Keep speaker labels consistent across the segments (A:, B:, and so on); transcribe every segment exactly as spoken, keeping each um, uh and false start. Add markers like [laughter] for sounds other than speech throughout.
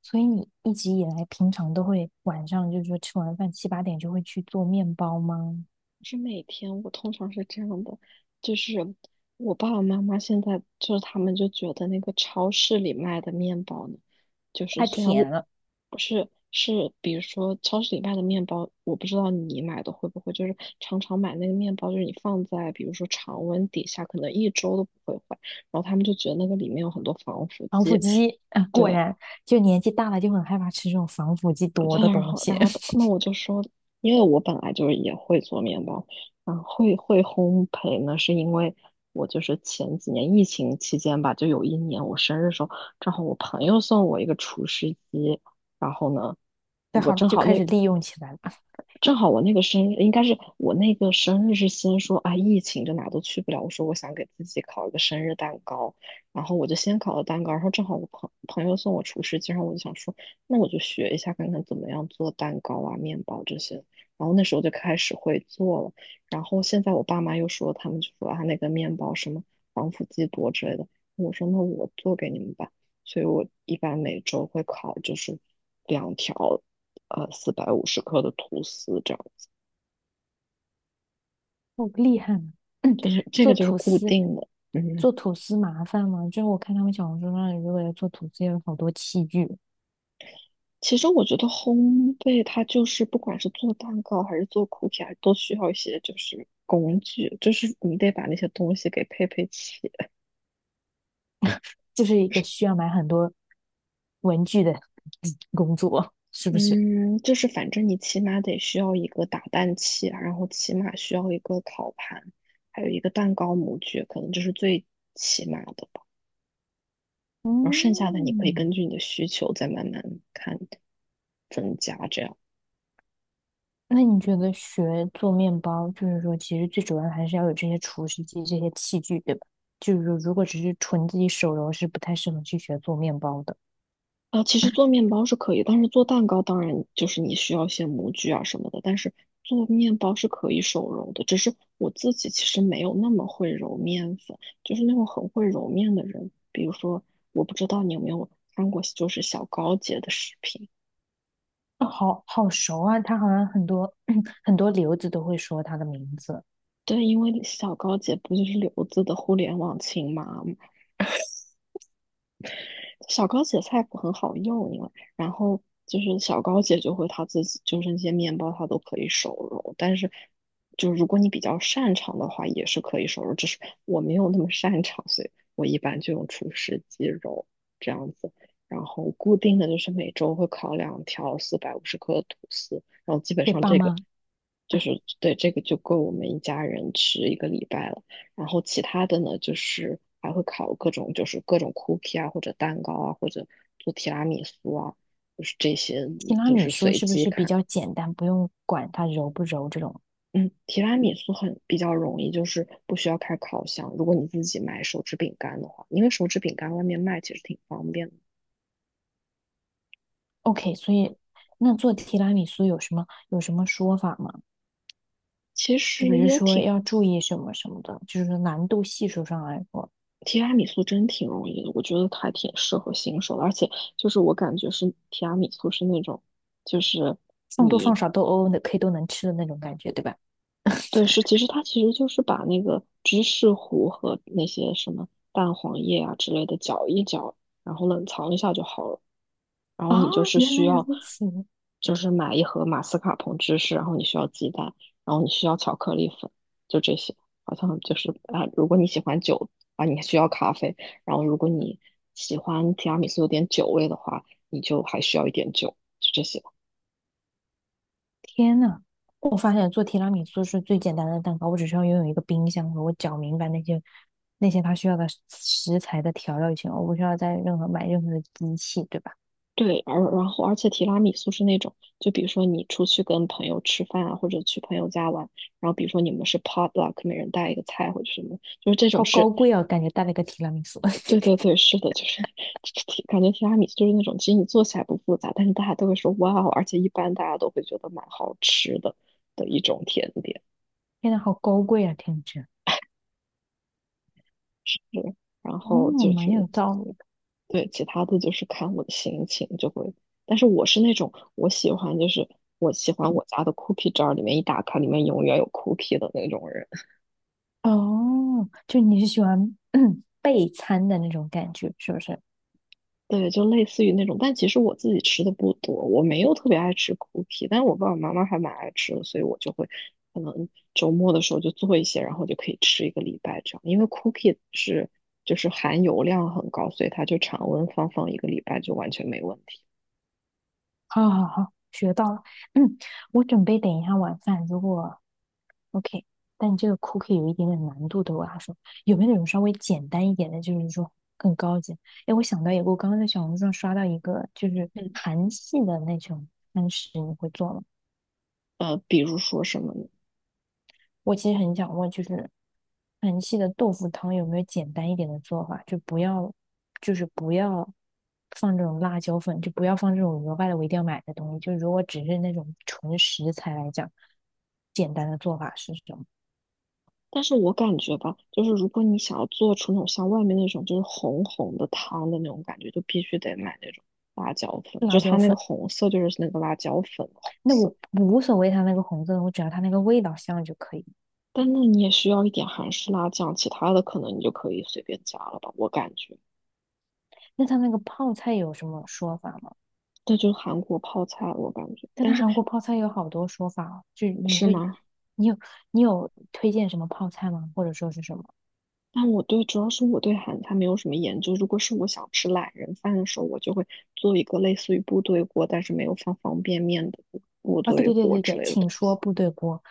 A: 所以你一直以来平常都会晚上就是说吃完饭七八点就会去做面包吗？
B: 是每天，我通常是这样的，就是我爸爸妈妈现在就是他们就觉得那个超市里卖的面包呢，就是
A: 太
B: 虽然
A: 甜
B: 我
A: 了，
B: 我是是比如说超市里卖的面包。我不知道你买的会不会，就是常常买那个面包，就是你放在比如说常温底下，可能一周都不会坏，然后他们就觉得那个里面有很多防腐
A: 防腐
B: 剂。
A: 剂啊，果
B: 对，
A: 然就年纪大了就很害怕吃这种防腐剂多
B: 对，
A: 的
B: 然
A: 东
B: 后然
A: 西，
B: 后那我就说，因为我本来就是也会做面包。嗯，会会烘焙呢，是因为我就是前几年疫情期间吧，就有一年我生日的时候，正好我朋友送我一个厨师机。然后呢，
A: [laughs] 对，
B: 我
A: 好
B: 正
A: 就
B: 好
A: 开
B: 那
A: 始利用起来了，
B: 正好我那个生日应该是我那个生日是先说啊，疫情就哪都去不了。我说我想给自己烤一个生日蛋糕。然后我就先烤了蛋糕，然后正好我朋朋友送我厨师机，然后我就想说，那我就学一下看看怎么样做蛋糕啊、面包这些。然后那时候就开始会做了。然后现在我爸妈又说，他们就说啊，那个面包什么防腐剂多之类的。我说那我做给你们吧。所以我一般每周会烤就是两条呃四百五十克的吐司这样子，
A: 好厉害啊！
B: 就
A: [clears throat]
B: 是这个
A: 做
B: 就是
A: 吐
B: 固
A: 司，
B: 定的。嗯，
A: 做吐司麻烦吗？就是我看他们小红书上，如果要做吐司，有好多器具，
B: 其实我觉得烘焙它就是不管是做蛋糕还是做 cookie，还都需要一些就是工具，就是你得把那些东西给配配齐。
A: 就是一个需要买很多文具的 [laughs] 工作，是不是？
B: 嗯，就是反正你起码得需要一个打蛋器啊，然后起码需要一个烤盘，还有一个蛋糕模具，可能这是最起码的。然后剩下的你可以根
A: 嗯，
B: 据你的需求再慢慢看增加这样。
A: 那你觉得学做面包，就是说，其实最主要的还是要有这些厨师机、这些器具，对吧？就是说，如果只是纯自己手揉，是不太适合去学做面包的。
B: 啊，其实做面包是可以，但是做蛋糕当然就是你需要一些模具啊什么的，但是做面包是可以手揉的。只是我自己其实没有那么会揉面粉，就是那种很会揉面的人，比如说我不知道你有没有看过，就是小高姐的视频。
A: 哦好好熟啊，他好像很多 [clears throat] 很多留子都会说他的名字。
B: 对，因为小高姐不就是留子的互联网亲妈。小高姐菜谱很好用，因为然后就是小高姐就会她自己就是那些面包她都可以手揉，但是就如果你比较擅长的话，也是可以手揉，只是我没有那么擅长，所以我一般就用厨师机揉这样子。然后固定的就是每周会烤两条四百五十克的吐司，然后基本
A: 给
B: 上
A: 爸
B: 这个
A: 妈，
B: 就是对这个就够我们一家人吃一个礼拜了。然后其他的呢，就是还会烤各种，就是各种 cookie 啊，或者蛋糕啊，或者做提拉米苏啊，就是这些，
A: 提拉
B: 就
A: 米
B: 是
A: 苏
B: 随
A: 是不
B: 机
A: 是比
B: 看。
A: 较简单，不用管它揉不揉这种
B: 嗯，提拉米苏很比较容易，就是不需要开烤箱。如果你自己买手指饼干的话，因为手指饼干外面卖其实挺方便的。
A: ？OK,所以那做提拉米苏有什么有什么说法吗？
B: 其
A: 就
B: 实
A: 比如
B: 也
A: 说
B: 挺
A: 要注意什么什么的，就是说难度系数上来说。
B: 提拉米苏真挺容易的，我觉得还挺适合新手的，而且就是我感觉是提拉米苏是那种，就是
A: 放多放
B: 你
A: 少都哦哦的可以都能吃的那种感觉，对吧？
B: 对，是，其实它其实就是把那个芝士糊和那些什么蛋黄液啊之类的搅一搅，然后冷藏一下就好了。然后
A: 啊，
B: 你就是
A: 原
B: 需
A: 来
B: 要，
A: 如此，
B: 就是买一盒马斯卡彭芝士，然后你需要鸡蛋，然后你需要巧克力粉，就这些。好像就是啊，如果你喜欢酒啊，你需要咖啡，然后如果你喜欢提拉米苏有点酒味的话，你就还需要一点酒，就这些。
A: 天呐！我发现做提拉米苏是最简单的蛋糕，我只需要拥有一个冰箱和我搅明白那些那些它需要的食材的调料就行了，我不需要再任何买任何的机器，对吧？
B: 对，而然后而且提拉米苏是那种，就比如说你出去跟朋友吃饭啊，或者去朋友家玩，然后比如说你们是 potluck，每人带一个菜或者什么，就是这
A: 好
B: 种是，
A: 高贵啊，感觉带了个提拉米苏，[laughs]
B: 对对对，是的，就是 [laughs] 提感觉提拉米苏就是那种，其实你做起来不复杂，但是大家都会说哇哦，而且一般大家都会觉得蛮好吃的的一种甜点。
A: 天呐，好高贵啊，听着。
B: 是。然后
A: 哦，
B: 就
A: 蛮
B: 是
A: 有道理的。
B: 对，其他的就是看我的心情就会，但是我是那种我喜欢就是我喜欢我家的 cookie jar 里面一打开里面永远有 cookie 的那种人。
A: 哦，就你是喜欢 [clears throat] 备餐的那种感觉，是不是？
B: [laughs] 对，就类似于那种，但其实我自己吃的不多，我没有特别爱吃 cookie，但是我爸爸妈妈还蛮爱吃的，所以我就会可能周末的时候就做一些，然后就可以吃一个礼拜这样，因为 cookie 是就是含油量很高，所以它就常温放放一个礼拜就完全没问题。
A: 好好好，学到了。[clears throat] 嗯，我准备等一下晚饭，如果 OK,但这个 cookie 有一点点难度的，我要说，有没有那种稍微简单一点的，就是说更高级？哎，我想到一个，我刚刚在小红书上刷到一个，就是
B: 嗯，
A: 韩系的那种餐食，你会做吗？
B: 呃，比如说什么呢？
A: 我其实很想问，就是韩系的豆腐汤有没有简单一点的做法？就不要，就是不要放这种辣椒粉，就不要放这种额外的我一定要买的东西。就如果只是那种纯食材来讲，简单的做法是什么？
B: 但是我感觉吧，就是如果你想要做出那种像外面那种就是红红的汤的那种感觉，就必须得买那种辣椒粉，就
A: 辣椒
B: 它那个
A: 粉，
B: 红色就是那个辣椒粉的红
A: 那
B: 色。
A: 我无所谓它那个红色的，我只要它那个味道香就可以。
B: 但那你也需要一点韩式辣酱，其他的可能你就可以随便加了吧，我感觉。
A: 那它那个泡菜有什么说法吗？
B: 那就是韩国泡菜，我感觉。
A: 但它
B: 但是
A: 韩国泡菜有好多说法哦就是你
B: 是
A: 会，
B: 吗？
A: 你有你有推荐什么泡菜吗？或者说是什么？
B: 但我对，主要是我对韩餐没有什么研究。如果是我想吃懒人饭的时候，我就会做一个类似于部队锅，但是没有放方便面的部部
A: 啊，对
B: 队
A: 对对
B: 锅
A: 对
B: 之
A: 对，
B: 类的。
A: 请说部队锅，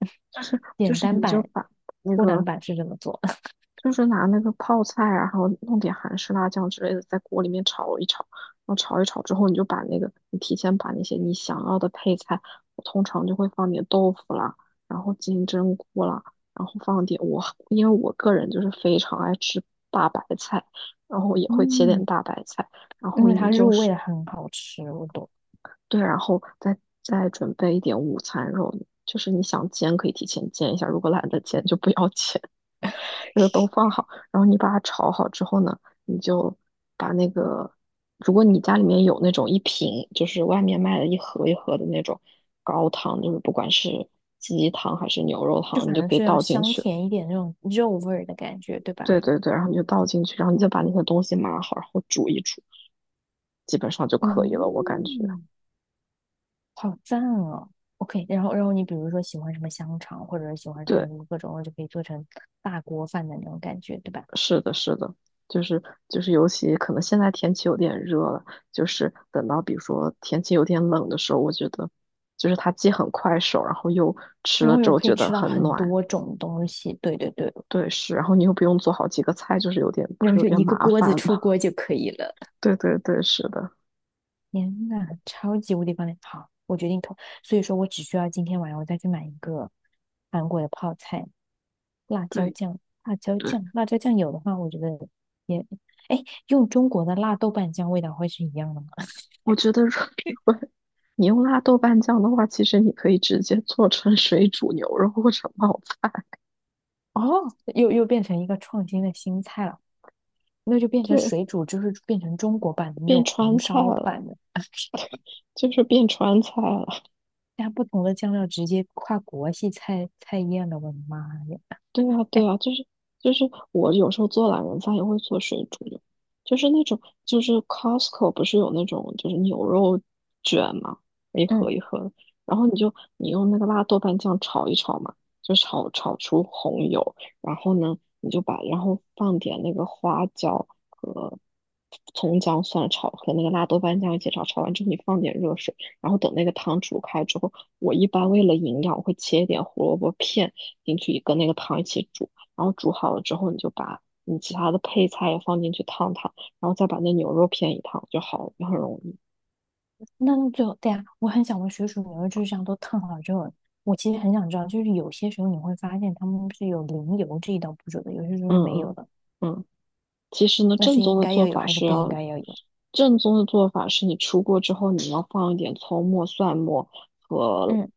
A: [laughs]
B: 就是就
A: 简
B: 是
A: 单
B: 你就
A: 版、
B: 把那
A: 偷懒
B: 个
A: 版是这么做的 [laughs]
B: 就是拿那个泡菜啊，然后弄点韩式辣酱之类的，在锅里面炒一炒，然后炒一炒之后，你就把那个你提前把那些你想要的配菜，我通常就会放点豆腐啦，然后金针菇啦，然后放点我因为我个人就是非常爱吃大白菜，然后也会切点
A: 嗯，
B: 大白菜，然
A: 因
B: 后
A: 为它
B: 你就
A: 入味
B: 是
A: 的很好吃，我懂，
B: 对，然后再再准备一点午餐肉，就是你想煎可以提前煎一下，如果懒得煎就不要 [laughs] 煎。这个都放好，然后你把它炒好之后呢，你就把那个，如果你家里面有那种一瓶，就是外面卖的一盒一盒的那种高汤，就是不管是鸡汤还是牛肉
A: 就
B: 汤，你
A: 反
B: 就
A: 正
B: 可以
A: 是要
B: 倒进
A: 香
B: 去。
A: 甜一点那种肉味儿的感觉，对吧？
B: 对对对，然后你就倒进去，然后你再把那些东西码好，然后煮一煮，基本上就可以了，我感觉。
A: 嗯，好赞哦。OK,然后然后你比如说喜欢什么香肠，或者是喜欢什么
B: 对。
A: 什么各种，就可以做成大锅饭的那种感觉，对吧？
B: 是的，是的，就是就是，尤其可能现在天气有点热了，就是等到比如说天气有点冷的时候，我觉得就是它既很快手，然后又吃
A: 然
B: 了
A: 后
B: 之
A: 又
B: 后
A: 可以
B: 觉
A: 吃
B: 得
A: 到
B: 很
A: 很
B: 暖，
A: 多种东西，对对对，
B: 对，是，然后你又不用做好几个菜，就是有点不
A: 然后
B: 是有
A: 就
B: 点
A: 一个
B: 麻
A: 锅子
B: 烦
A: 出
B: 吗？
A: 锅就可以了。
B: [laughs] 对对对，是的，
A: 天呐，超级无敌方便！好，我决定投，所以说我只需要今天晚上我再去买一个韩国的泡菜辣椒
B: 对
A: 酱，辣椒
B: 对，
A: 酱，辣椒酱有的话，我觉得也，哎，用中国的辣豆瓣酱味道会是一样的吗？[laughs]
B: 我觉得如果你用辣豆瓣酱的话，其实你可以直接做成水煮牛肉或者冒菜。
A: 哦，又又变成一个创新的新菜了，那就变成
B: 对，
A: 水煮，就是变成中国版的那种
B: 变川
A: 红
B: 菜
A: 烧
B: 了，
A: 版的，[laughs]
B: 就是变川菜了。
A: 加不同的酱料，直接跨国系菜菜宴了，我的妈呀！
B: 对啊，对
A: 哎，
B: 啊，就是就是我有时候做懒人饭也会做水煮牛，就是那种就是 Costco 不是有那种就是牛肉卷嘛，一盒
A: 嗯。
B: 一盒的，然后你就你用那个辣豆瓣酱炒一炒嘛，就炒炒出红油，然后呢你就把然后放点那个花椒和葱姜蒜炒和那个辣豆瓣酱一起炒，炒完之后你放点热水，然后等那个汤煮开之后，我一般为了营养，我会切一点胡萝卜片进去，跟那个汤一起煮，然后煮好了之后，你就把你其他的配菜也放进去烫烫，然后再把那牛肉片一烫就好了，就很容易。
A: 那那最后，对呀，我很想问水煮牛肉就是这样都烫好之后，我其实很想知道，就是有些时候你会发现他们是有淋油这一道步骤的，有些时候
B: 嗯
A: 是没有
B: 嗯
A: 的，
B: 嗯。其实呢，
A: 那
B: 正
A: 是
B: 宗
A: 应
B: 的
A: 该要
B: 做
A: 有
B: 法
A: 还是
B: 是
A: 不应
B: 要，
A: 该要有？
B: 正宗的做法是你出锅之后，你要放一点葱末、蒜末和
A: 嗯，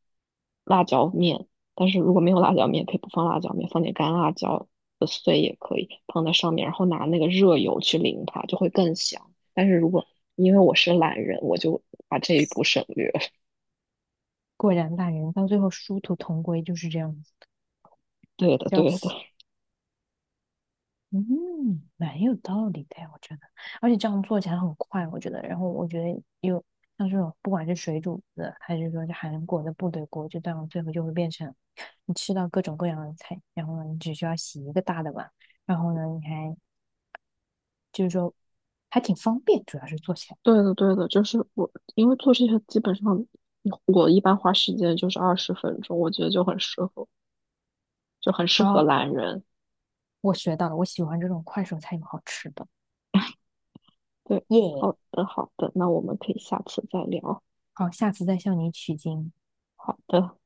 B: 辣椒面。但是如果没有辣椒面，可以不放辣椒面，放点干辣椒的碎也可以放在上面，然后拿那个热油去淋它，就会更香。但是如果因为我是懒人，我就把这一步省略。[laughs]
A: 果然大人到最后殊途同归就是这样子，
B: 对的，对
A: 笑
B: 的，
A: 死。嗯，蛮有道理的呀，我觉得，而且这样做起来很快，我觉得。然后我觉得有像这种，不管是水煮的，还是说是韩国的部队锅，就这样最后就会变成你吃到各种各样的菜，然后呢，你只需要洗一个大的碗，然后呢，你还就是说还挺方便，主要是做起来。
B: 对的，对的，就是我，因为做这些基本上我一般花时间就是二十分钟，我觉得就很适合。就很适合
A: 好，
B: 懒人。
A: 我学到了，我喜欢这种快手菜有好吃的，
B: 对，
A: 耶！
B: 好的，好的，那我们可以下次再聊。
A: 好，下次再向你取经。
B: 好的。